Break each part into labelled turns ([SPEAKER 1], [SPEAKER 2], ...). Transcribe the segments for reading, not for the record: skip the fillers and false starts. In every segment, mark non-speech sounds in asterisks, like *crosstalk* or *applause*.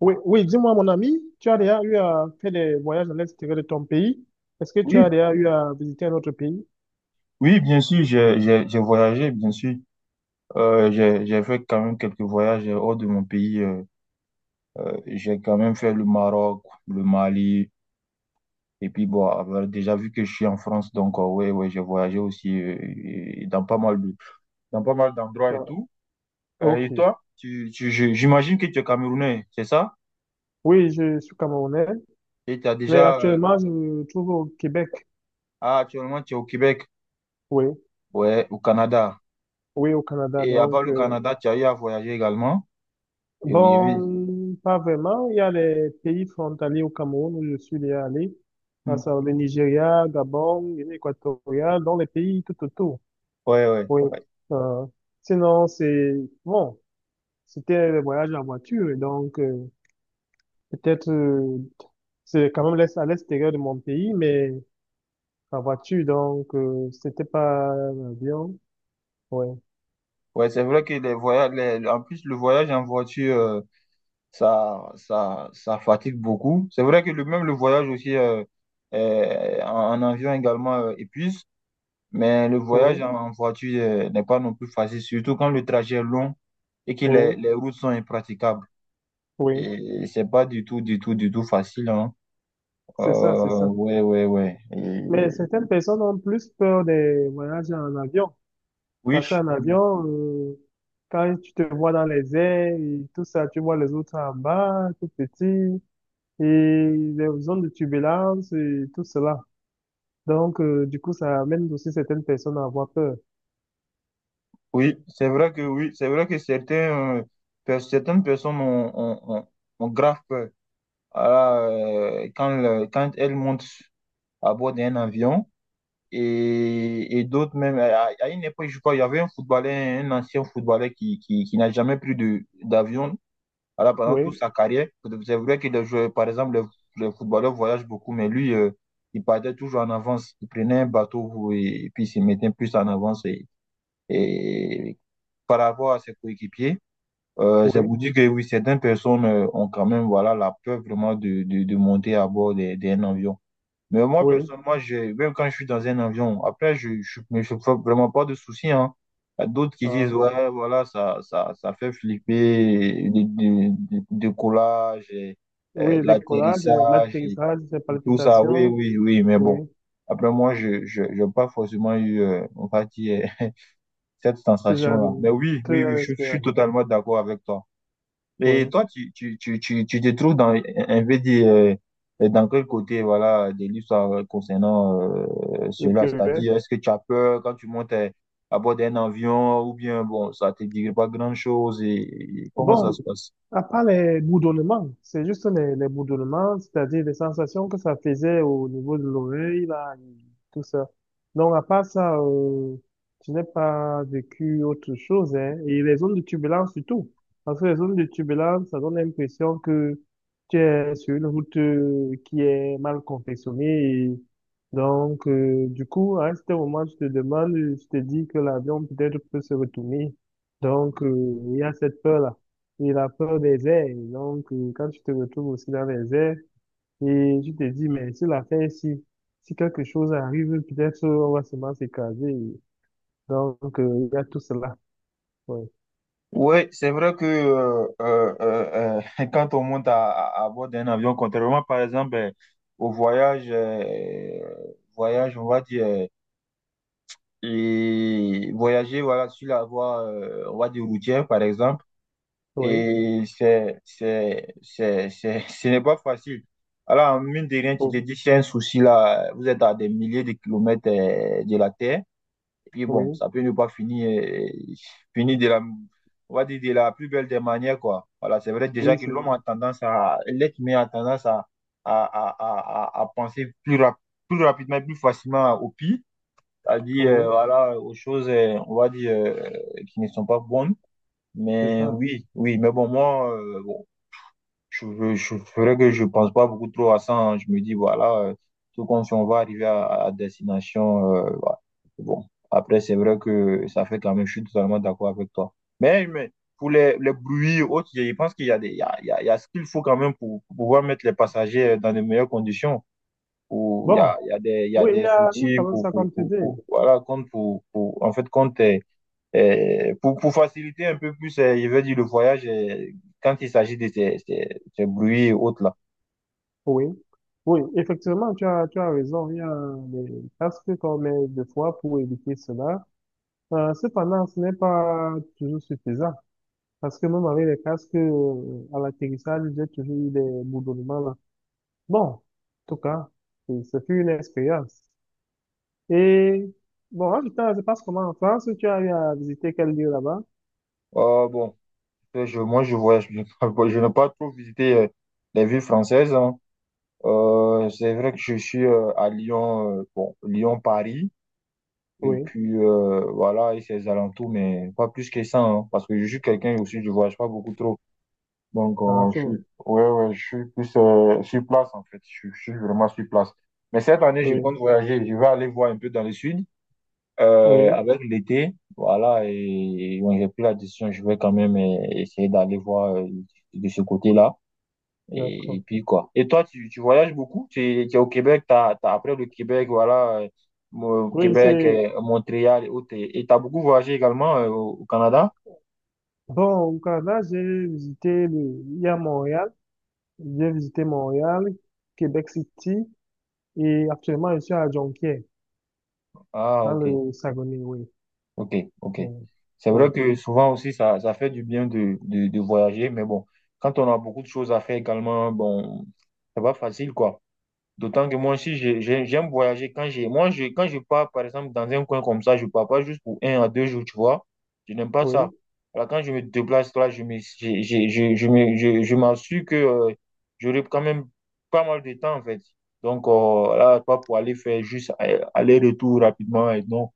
[SPEAKER 1] Oui, oui, dis-moi, mon ami, tu as déjà eu à faire des voyages à l'extérieur de ton pays? Est-ce que tu as
[SPEAKER 2] Oui,
[SPEAKER 1] déjà eu à visiter un autre pays?
[SPEAKER 2] oui, bien sûr, j'ai voyagé, bien sûr. J'ai fait quand même quelques voyages hors de mon pays. J'ai quand même fait le Maroc, le Mali, et puis bon, déjà vu que je suis en France, donc ouais, ouais, j'ai voyagé aussi, et dans pas mal de, dans pas mal d'endroits et
[SPEAKER 1] Ah,
[SPEAKER 2] tout.
[SPEAKER 1] ok.
[SPEAKER 2] Et toi, j'imagine que tu es Camerounais, c'est ça?
[SPEAKER 1] Oui, je suis camerounais,
[SPEAKER 2] Et tu as
[SPEAKER 1] mais
[SPEAKER 2] déjà,
[SPEAKER 1] actuellement, je me trouve au Québec.
[SPEAKER 2] ah, actuellement, tu es au Québec,
[SPEAKER 1] Oui,
[SPEAKER 2] ouais, au Canada.
[SPEAKER 1] oui, au Canada.
[SPEAKER 2] Et à part
[SPEAKER 1] Donc,
[SPEAKER 2] le Canada, tu as eu à voyager également. Et oui, oui.
[SPEAKER 1] bon, pas vraiment. Il y a les pays frontaliers au Cameroun où je suis déjà allé, à
[SPEAKER 2] Hmm.
[SPEAKER 1] savoir le Nigeria, Gabon, Guinée équatoriale, dans les pays tout autour.
[SPEAKER 2] Ouais, ouais,
[SPEAKER 1] Oui.
[SPEAKER 2] ouais.
[SPEAKER 1] Euh, Sinon, c'est bon. C'était le voyage en voiture, et donc peut-être c'est quand même à l'extérieur de mon pays, mais en voiture, donc c'était pas l'avion. Oui,
[SPEAKER 2] Ouais, c'est vrai que les voyages, en plus, le voyage en voiture, ça fatigue beaucoup. C'est vrai que même le voyage aussi, en avion également, épuise, mais le voyage
[SPEAKER 1] oui,
[SPEAKER 2] en voiture n'est pas non plus facile, surtout quand le trajet est long et que les,
[SPEAKER 1] oui,
[SPEAKER 2] les routes sont impraticables.
[SPEAKER 1] oui.
[SPEAKER 2] Et c'est pas du tout, du tout, du tout facile, hein. Euh,
[SPEAKER 1] C'est ça, c'est ça.
[SPEAKER 2] ouais, ouais, ouais. Et
[SPEAKER 1] Mais certaines personnes ont plus peur des voyages en avion.
[SPEAKER 2] oui,
[SPEAKER 1] Parce qu'en avion, quand tu te vois dans les airs et tout ça, tu vois les autres en bas, tout petit, et les zones de turbulence et tout cela. Donc, du coup, ça amène aussi certaines personnes à avoir peur.
[SPEAKER 2] oui, c'est vrai que certains, certaines personnes ont grave peur. Voilà, quand elle monte à bord d'un avion, et d'autres même, à une époque, je crois, il y avait un footballeur, un ancien footballeur qui n'a jamais pris d'avion, voilà, pendant
[SPEAKER 1] Oui,
[SPEAKER 2] toute sa carrière. C'est vrai que par exemple, les footballeurs voyagent beaucoup, mais lui, il partait toujours en avance. Il prenait un bateau et puis il se mettait plus en avance et par rapport à ses coéquipiers. C'est pour
[SPEAKER 1] oui,
[SPEAKER 2] dire que oui, certaines personnes, ont quand même voilà, la peur vraiment de monter à bord d'un avion. Mais moi,
[SPEAKER 1] oui.
[SPEAKER 2] personnellement, même quand je suis dans un avion, après, je ne me fais vraiment pas de soucis. Hein. Il y a d'autres qui
[SPEAKER 1] Ah.
[SPEAKER 2] disent, ouais, voilà, ça fait flipper, le décollage, et,
[SPEAKER 1] Oui, le décollage,
[SPEAKER 2] l'atterrissage et,
[SPEAKER 1] l'atterrissage, les
[SPEAKER 2] et tout ça. Oui,
[SPEAKER 1] palpitations,
[SPEAKER 2] oui, oui, mais bon.
[SPEAKER 1] oui,
[SPEAKER 2] Après, moi, je n'ai pas forcément eu, on va dire, *laughs* cette
[SPEAKER 1] ce genre
[SPEAKER 2] sensation-là. Mais
[SPEAKER 1] de,
[SPEAKER 2] oui,
[SPEAKER 1] ce
[SPEAKER 2] oui, oui,
[SPEAKER 1] genre
[SPEAKER 2] je suis
[SPEAKER 1] d'expérience,
[SPEAKER 2] totalement d'accord avec toi. Et
[SPEAKER 1] oui,
[SPEAKER 2] toi, tu te trouves dans quel côté, voilà, de l'histoire concernant,
[SPEAKER 1] au
[SPEAKER 2] cela?
[SPEAKER 1] Québec.
[SPEAKER 2] C'est-à-dire, est-ce que tu as peur quand tu montes à bord d'un avion ou bien, bon, ça te dit pas grand-chose et comment ça
[SPEAKER 1] Bon,
[SPEAKER 2] se passe?
[SPEAKER 1] à part les bourdonnements, c'est juste les bourdonnements, c'est-à-dire les sensations que ça faisait au niveau de l'oreille, là, et tout ça. Donc, à part ça, je n'ai pas vécu autre chose, hein. Et les zones de turbulence surtout. Parce que les zones de turbulence, ça donne l'impression que tu es sur une route qui est mal confectionnée. Et donc, du coup, à un certain moment, tu te demandes, tu te dis que l'avion peut-être peut se retourner. Donc, il y a cette peur-là. Il a peur des airs. Et donc, quand tu te retrouves aussi dans les airs, et tu te dis, mais si l'affaire ici, si quelque chose arrive, peut-être on va seulement s'écraser. Donc, il y a tout cela. Oui,
[SPEAKER 2] Oui, c'est vrai que, *laughs* quand on monte à bord d'un avion, contrairement par exemple, au voyage, voyage, on va dire, et voyager voilà, sur la voie, on va dire routière par exemple.
[SPEAKER 1] oui,
[SPEAKER 2] Et *laughs* ce n'est pas facile. Alors, mine de rien, tu te
[SPEAKER 1] oh,
[SPEAKER 2] dis, c'est un souci là, vous êtes à des milliers de kilomètres, de la Terre. Et puis bon,
[SPEAKER 1] oui,
[SPEAKER 2] ça peut ne pas finir on va dire de la plus belle des manières, quoi. Voilà, c'est vrai déjà
[SPEAKER 1] oui,
[SPEAKER 2] que
[SPEAKER 1] c'est,
[SPEAKER 2] l'être humain a tendance à penser plus, plus rapidement, et plus facilement au pire, c'est-à-dire,
[SPEAKER 1] oui,
[SPEAKER 2] voilà, aux choses, on va dire, qui ne sont pas bonnes.
[SPEAKER 1] c'est
[SPEAKER 2] Mais
[SPEAKER 1] ça.
[SPEAKER 2] oui, oui, mais bon, moi, bon, je ferais que je pense pas beaucoup trop à ça. Hein. Je me dis, voilà, tout comme si on va arriver à destination. Voilà. Bon, après, c'est vrai que ça fait quand même, je suis totalement d'accord avec toi. Mais pour les bruits et autres, je pense qu'il y a des, il y a, il y a, il y a ce qu'il faut quand même pour, pouvoir mettre les passagers dans de meilleures conditions où
[SPEAKER 1] Bon,
[SPEAKER 2] il y a
[SPEAKER 1] oui,
[SPEAKER 2] des
[SPEAKER 1] il y a
[SPEAKER 2] outils
[SPEAKER 1] quand même ça comme tu dis.
[SPEAKER 2] voilà, compte, en fait, compte, pour, faciliter un peu plus, je veux dire, le voyage, quand il s'agit de ces bruits et autres là.
[SPEAKER 1] Oui, oui, effectivement, tu as raison. Il y a des casques qu'on met des fois pour éviter cela. Cependant, ce n'est pas toujours suffisant. Parce que même avec les casques, à l'atterrissage, j'ai toujours eu des bourdonnements là. Bon, en tout cas, ce fut une expérience. Et bon, en tout cas, je passe comment en France, tu as eu à visiter quel lieu là-bas?
[SPEAKER 2] Bon, moi, je voyage, *laughs* je n'ai pas trop visité, les villes françaises. Hein. C'est vrai que je suis, à Lyon, bon, Lyon-Paris, et
[SPEAKER 1] Oui,
[SPEAKER 2] puis voilà, et ses alentours, mais pas plus que ça, hein, parce que je suis quelqu'un aussi, je voyage pas beaucoup trop. Donc,
[SPEAKER 1] ah, tu
[SPEAKER 2] je suis,
[SPEAKER 1] vois.
[SPEAKER 2] ouais, ouais, je suis plus, sur place, en fait. Je suis vraiment sur place. Mais cette année, je
[SPEAKER 1] Oui,
[SPEAKER 2] compte voyager. Je vais aller voir un peu dans le sud,
[SPEAKER 1] oui,
[SPEAKER 2] avec l'été. Voilà, et bon, j'ai pris la décision. Je vais quand même, essayer d'aller voir, de ce côté-là. Et
[SPEAKER 1] d'accord.
[SPEAKER 2] puis, quoi. Et toi, tu voyages beaucoup? Tu es au Québec, après le Québec, voilà,
[SPEAKER 1] Oui,
[SPEAKER 2] Québec,
[SPEAKER 1] c'est
[SPEAKER 2] Montréal et autres. Et tu as beaucoup voyagé également, au Canada?
[SPEAKER 1] bon, au Canada, j'ai visité le... il y a Montréal, j'ai visité Montréal, Québec City, et actuellement, je suis à Jonquière,
[SPEAKER 2] Ah,
[SPEAKER 1] dans
[SPEAKER 2] ok.
[SPEAKER 1] le Saguenay, oui.
[SPEAKER 2] Ok, ok.
[SPEAKER 1] Oui,
[SPEAKER 2] C'est vrai
[SPEAKER 1] oui,
[SPEAKER 2] que souvent aussi, ça fait du bien de voyager, mais bon, quand on a beaucoup de choses à faire également, bon, c'est pas facile, quoi. D'autant que moi aussi, j'aime voyager. Quand je pars, par exemple, dans un coin comme ça, je pars pas juste pour 1 à 2 jours, tu vois. Je n'aime pas ça.
[SPEAKER 1] oui.
[SPEAKER 2] Alors, quand je me déplace là, je me, j'ai- je, me, je m'assure que, j'aurai quand même pas mal de temps, en fait. Donc, là, pas pour aller faire juste, aller-retour rapidement, et non.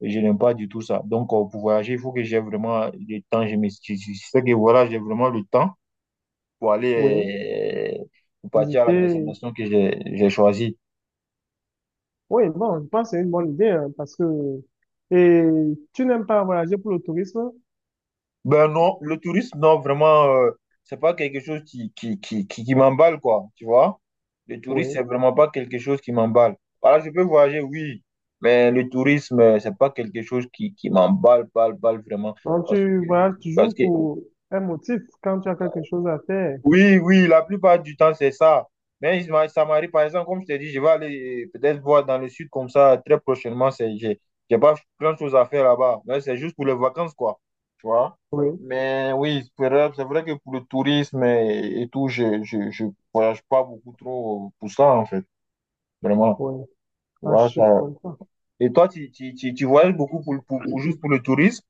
[SPEAKER 2] Je n'aime pas du tout ça. Donc, pour voyager, il faut que j'ai vraiment le temps. Je sais que voilà, j'ai vraiment le temps pour
[SPEAKER 1] Oui.
[SPEAKER 2] aller, pour partir à la
[SPEAKER 1] Visiter.
[SPEAKER 2] destination que j'ai choisie.
[SPEAKER 1] Oui, bon, je pense que c'est une bonne idée hein, parce que et tu n'aimes pas voyager pour le tourisme?
[SPEAKER 2] Ben non, le tourisme, non, vraiment, c'est pas quelque chose qui m'emballe, quoi. Tu vois? Le tourisme,
[SPEAKER 1] Oui.
[SPEAKER 2] c'est vraiment pas quelque chose qui m'emballe. Voilà, je peux voyager, oui, mais le tourisme, c'est pas quelque chose qui m'emballe, balle, balle, vraiment.
[SPEAKER 1] Donc
[SPEAKER 2] Parce
[SPEAKER 1] tu
[SPEAKER 2] que,
[SPEAKER 1] voyages
[SPEAKER 2] parce
[SPEAKER 1] toujours
[SPEAKER 2] que
[SPEAKER 1] pour un motif quand tu as quelque chose à faire.
[SPEAKER 2] Oui, oui, la plupart du temps, c'est ça. Mais ça m'arrive, par exemple, comme je t'ai dit, je vais aller, peut-être voir dans le sud comme ça très prochainement. J'ai pas plein de choses à faire là-bas. Mais c'est juste pour les vacances, quoi. Tu vois?
[SPEAKER 1] Oui,
[SPEAKER 2] Mais oui, c'est vrai que pour le tourisme et tout, je voyage pas beaucoup trop pour ça, en fait. Vraiment.
[SPEAKER 1] oui.
[SPEAKER 2] Tu
[SPEAKER 1] Ah,
[SPEAKER 2] vois,
[SPEAKER 1] je te
[SPEAKER 2] ça.
[SPEAKER 1] comprends.
[SPEAKER 2] Et toi, tu voyages beaucoup pour, juste pour le tourisme?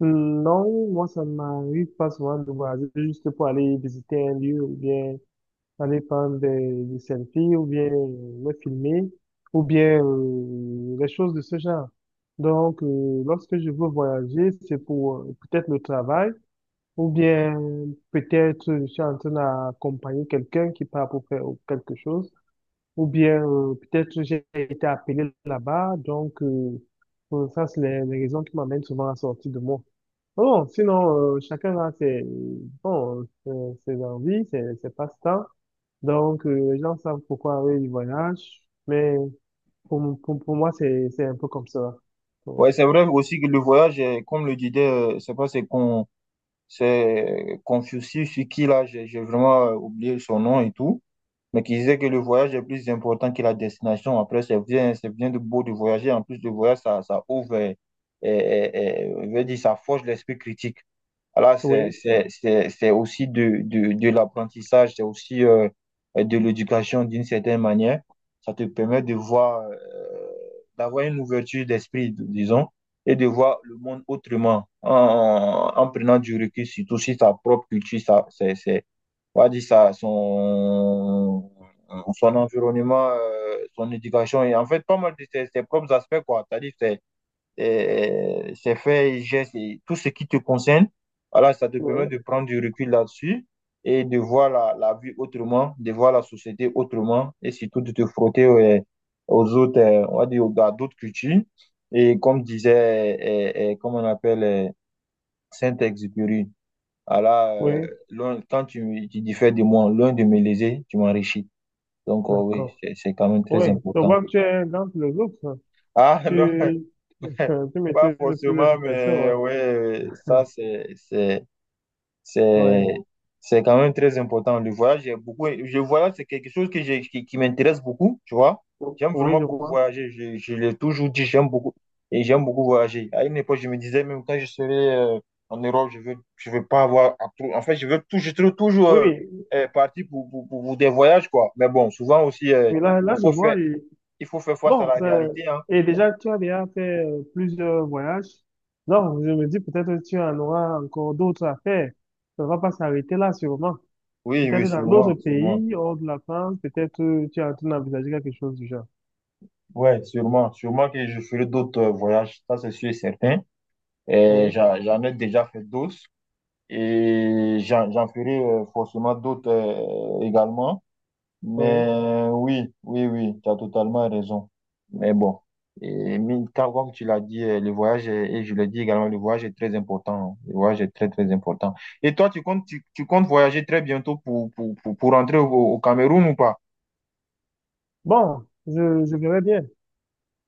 [SPEAKER 1] Non, moi ça m'arrive pas souvent de voyager juste pour aller visiter un lieu ou bien aller prendre des selfies ou bien me filmer ou bien des choses de ce genre. Donc lorsque je veux voyager, c'est pour peut-être le travail. Ou bien peut-être je suis en train d'accompagner quelqu'un qui part pour faire quelque chose. Ou bien peut-être j'ai été appelé là-bas. Donc ça, c'est les raisons qui m'amènent souvent à sortir de moi. Bon, sinon, chacun a ses, bon, ses, ses envies, ses passe-temps. Donc les gens savent pourquoi eux, ils voyagent. Mais pour moi, c'est un peu comme ça. Ouais.
[SPEAKER 2] Ouais, c'est vrai aussi que le voyage, comme le disait, je sais pas, c'est Confucius, ce qui là, j'ai vraiment, oublié son nom et tout, mais qui disait que le voyage est plus important que la destination. Après, c'est bien de beau de voyager. En plus de voyager, ça ouvre, et et je veux dire, ça forge l'esprit critique. Voilà, c'est,
[SPEAKER 1] Oui,
[SPEAKER 2] c'est, c'est, c'est aussi de l'apprentissage, c'est aussi, de l'éducation d'une certaine manière. Ça te permet de voir, d'avoir une ouverture d'esprit, disons, et de voir le monde autrement, en, prenant du recul, surtout sur sa propre culture, ça, on va dire ça, son environnement, son éducation, et en fait, pas mal de ses propres aspects, quoi. C'est-à-dire, c'est, ces faits et gestes et tout ce qui te concerne. Voilà, ça te permet de
[SPEAKER 1] oui,
[SPEAKER 2] prendre du recul là-dessus et de voir la vie autrement, de voir la société autrement et surtout de te frotter, aux autres, on va dire, à d'autres cultures. Et comme disait, comme on appelle, Saint-Exupéry, voilà,
[SPEAKER 1] oui,
[SPEAKER 2] quand tu diffères de moi, loin de me léser, tu m'enrichis. Donc, oui,
[SPEAKER 1] d'accord.
[SPEAKER 2] c'est quand même
[SPEAKER 1] Oui,
[SPEAKER 2] très
[SPEAKER 1] je
[SPEAKER 2] important.
[SPEAKER 1] vois que tu es un grand philosophe.
[SPEAKER 2] Ah, *laughs* non.
[SPEAKER 1] Tu, *laughs* tu
[SPEAKER 2] Pas
[SPEAKER 1] maîtrises plusieurs
[SPEAKER 2] forcément,
[SPEAKER 1] citations,
[SPEAKER 2] mais
[SPEAKER 1] ouais.
[SPEAKER 2] ouais, ça
[SPEAKER 1] Ouais.
[SPEAKER 2] c'est c'est quand même très important. Le voyage, j'ai beaucoup, je voyage, c'est quelque chose que j'ai qui m'intéresse beaucoup, tu vois. J'aime
[SPEAKER 1] Oui,
[SPEAKER 2] vraiment
[SPEAKER 1] je
[SPEAKER 2] beaucoup
[SPEAKER 1] vois.
[SPEAKER 2] voyager. Je l'ai toujours dit, j'aime beaucoup et j'aime beaucoup voyager. À une époque, je me disais même quand je serai, en Europe, je veux pas avoir En fait, je veux tout, je serai toujours,
[SPEAKER 1] Oui,
[SPEAKER 2] parti pour des voyages quoi. Mais bon, souvent aussi,
[SPEAKER 1] oui, là, là,
[SPEAKER 2] il
[SPEAKER 1] je
[SPEAKER 2] faut faire
[SPEAKER 1] vois. Et,
[SPEAKER 2] il faut faire face à
[SPEAKER 1] bon,
[SPEAKER 2] la
[SPEAKER 1] ça-
[SPEAKER 2] réalité, hein.
[SPEAKER 1] et déjà, tu as déjà fait plusieurs voyages. Non, je me dis, peut-être que tu en auras encore d'autres à faire. Ça ne va pas s'arrêter là, sûrement.
[SPEAKER 2] Oui, oui,
[SPEAKER 1] Peut-être dans d'autres
[SPEAKER 2] sûrement, sûrement.
[SPEAKER 1] pays, hors de la France, peut-être tu es en train d'envisager quelque chose du genre.
[SPEAKER 2] Ouais, sûrement. Sûrement que je ferai d'autres, voyages, ça c'est sûr et certain. Et
[SPEAKER 1] Oui,
[SPEAKER 2] j'en ai déjà fait d'autres et j'en ferai, forcément d'autres, également.
[SPEAKER 1] oui.
[SPEAKER 2] Mais oui, oui, oui, tu as totalement raison. Mais bon, comme tu l'as dit, et je l'ai dit également, le voyage est très important. Le voyage est très, très important. Et toi, tu comptes voyager très bientôt pour, rentrer au Cameroun ou pas?
[SPEAKER 1] Bon, je verrai bien.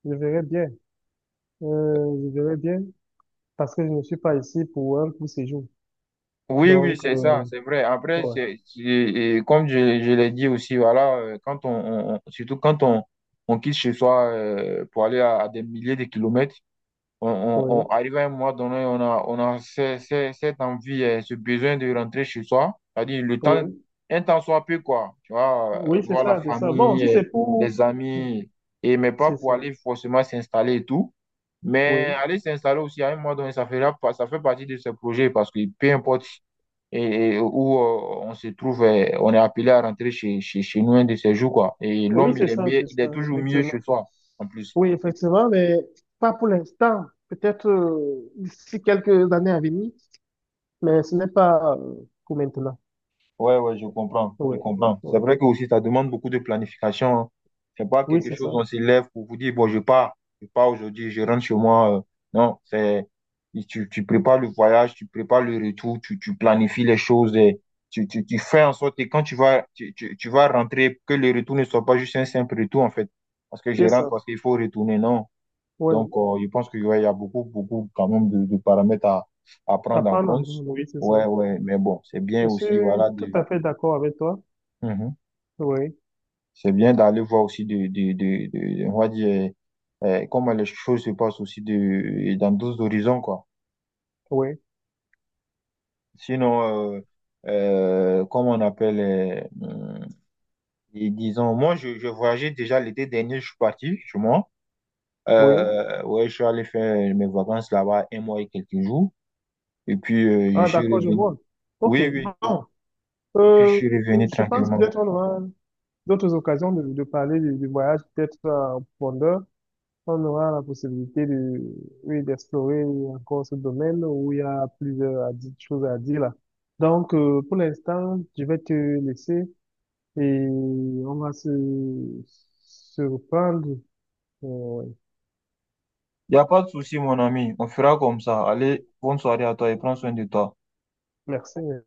[SPEAKER 1] Je verrai bien. Je verrai bien. Parce que je ne suis pas ici pour un court séjour.
[SPEAKER 2] Oui, oui,
[SPEAKER 1] Donc,
[SPEAKER 2] c'est ça, c'est vrai. Après,
[SPEAKER 1] ouais,
[SPEAKER 2] et comme je l'ai dit aussi, voilà, quand on, surtout quand on quitte chez soi, pour aller à des milliers de kilomètres, on, on,
[SPEAKER 1] oui,
[SPEAKER 2] on arrive à un moment donné, on a cette envie, ce besoin de rentrer chez soi. C'est-à-dire le temps,
[SPEAKER 1] oui,
[SPEAKER 2] un temps soit peu, quoi. Tu vois,
[SPEAKER 1] oui, c'est
[SPEAKER 2] voir la
[SPEAKER 1] ça, c'est ça. Bon,
[SPEAKER 2] famille,
[SPEAKER 1] si c'est pour,
[SPEAKER 2] les amis, et mais pas
[SPEAKER 1] c'est
[SPEAKER 2] pour
[SPEAKER 1] ça,
[SPEAKER 2] aller forcément s'installer et tout. Mais
[SPEAKER 1] oui,
[SPEAKER 2] aller s'installer aussi à un moment donné, ça fait partie de ce projet parce que peu importe et où, on se trouve, on est appelé à rentrer chez nous un de ces jours, quoi. Et
[SPEAKER 1] oui,
[SPEAKER 2] l'homme, il est mieux,
[SPEAKER 1] c'est
[SPEAKER 2] il est
[SPEAKER 1] ça,
[SPEAKER 2] toujours mieux
[SPEAKER 1] effectivement.
[SPEAKER 2] chez soi, en plus.
[SPEAKER 1] Oui, effectivement, mais pas pour l'instant. Peut-être d'ici quelques années à venir, mais ce n'est pas pour maintenant.
[SPEAKER 2] Ouais, ouais, je comprends, je
[SPEAKER 1] Oui,
[SPEAKER 2] comprends. C'est
[SPEAKER 1] oui,
[SPEAKER 2] vrai que aussi, ça demande beaucoup de planification. Hein. C'est pas
[SPEAKER 1] oui,
[SPEAKER 2] quelque
[SPEAKER 1] c'est ça.
[SPEAKER 2] chose, on se lève pour vous dire, bon, je pars, aujourd'hui, je rentre chez moi. Non, c'est, tu prépares le voyage, tu prépares le retour, tu planifies les choses, et tu fais en sorte que quand tu vas, tu vas rentrer, que le retour ne soit pas juste un simple retour, en fait. Parce que je
[SPEAKER 1] C'est
[SPEAKER 2] rentre,
[SPEAKER 1] ça.
[SPEAKER 2] parce qu'il faut retourner, non.
[SPEAKER 1] Ouais.
[SPEAKER 2] Donc, je pense qu'il y a beaucoup, beaucoup quand même de paramètres à prendre en
[SPEAKER 1] Apprendre
[SPEAKER 2] compte.
[SPEAKER 1] l'anglais, oui, c'est ça.
[SPEAKER 2] Ouais, ouais, mais bon, c'est bien
[SPEAKER 1] Je
[SPEAKER 2] aussi,
[SPEAKER 1] suis
[SPEAKER 2] voilà,
[SPEAKER 1] tout
[SPEAKER 2] de.
[SPEAKER 1] à fait d'accord avec toi.
[SPEAKER 2] Mhm.
[SPEAKER 1] Oui,
[SPEAKER 2] C'est bien d'aller voir aussi on va dire, comment les choses se passent aussi dans d'autres horizons, quoi.
[SPEAKER 1] oui,
[SPEAKER 2] Sinon, comment on appelle, et disons, moi, je voyageais déjà l'été dernier, je suis parti chez moi.
[SPEAKER 1] oui.
[SPEAKER 2] Ouais, je suis allé faire mes vacances là-bas un mois et quelques jours. Et puis, je
[SPEAKER 1] Ah,
[SPEAKER 2] suis
[SPEAKER 1] d'accord, je
[SPEAKER 2] revenu.
[SPEAKER 1] vois. OK.
[SPEAKER 2] Oui, oui.
[SPEAKER 1] Bon.
[SPEAKER 2] Et puis, je
[SPEAKER 1] Euh,
[SPEAKER 2] suis revenu
[SPEAKER 1] je pense
[SPEAKER 2] tranquillement.
[SPEAKER 1] peut-être on aura d'autres occasions de parler du voyage, peut-être en profondeur. On aura la possibilité de, oui, d'explorer encore ce domaine où il y a plusieurs choses à dire là. Donc, pour l'instant, je vais te laisser et on va se reprendre. euh,
[SPEAKER 2] Il n'y a pas de souci, mon ami. On fera comme ça. Allez, bonne soirée à toi et prends soin de toi.
[SPEAKER 1] Merci.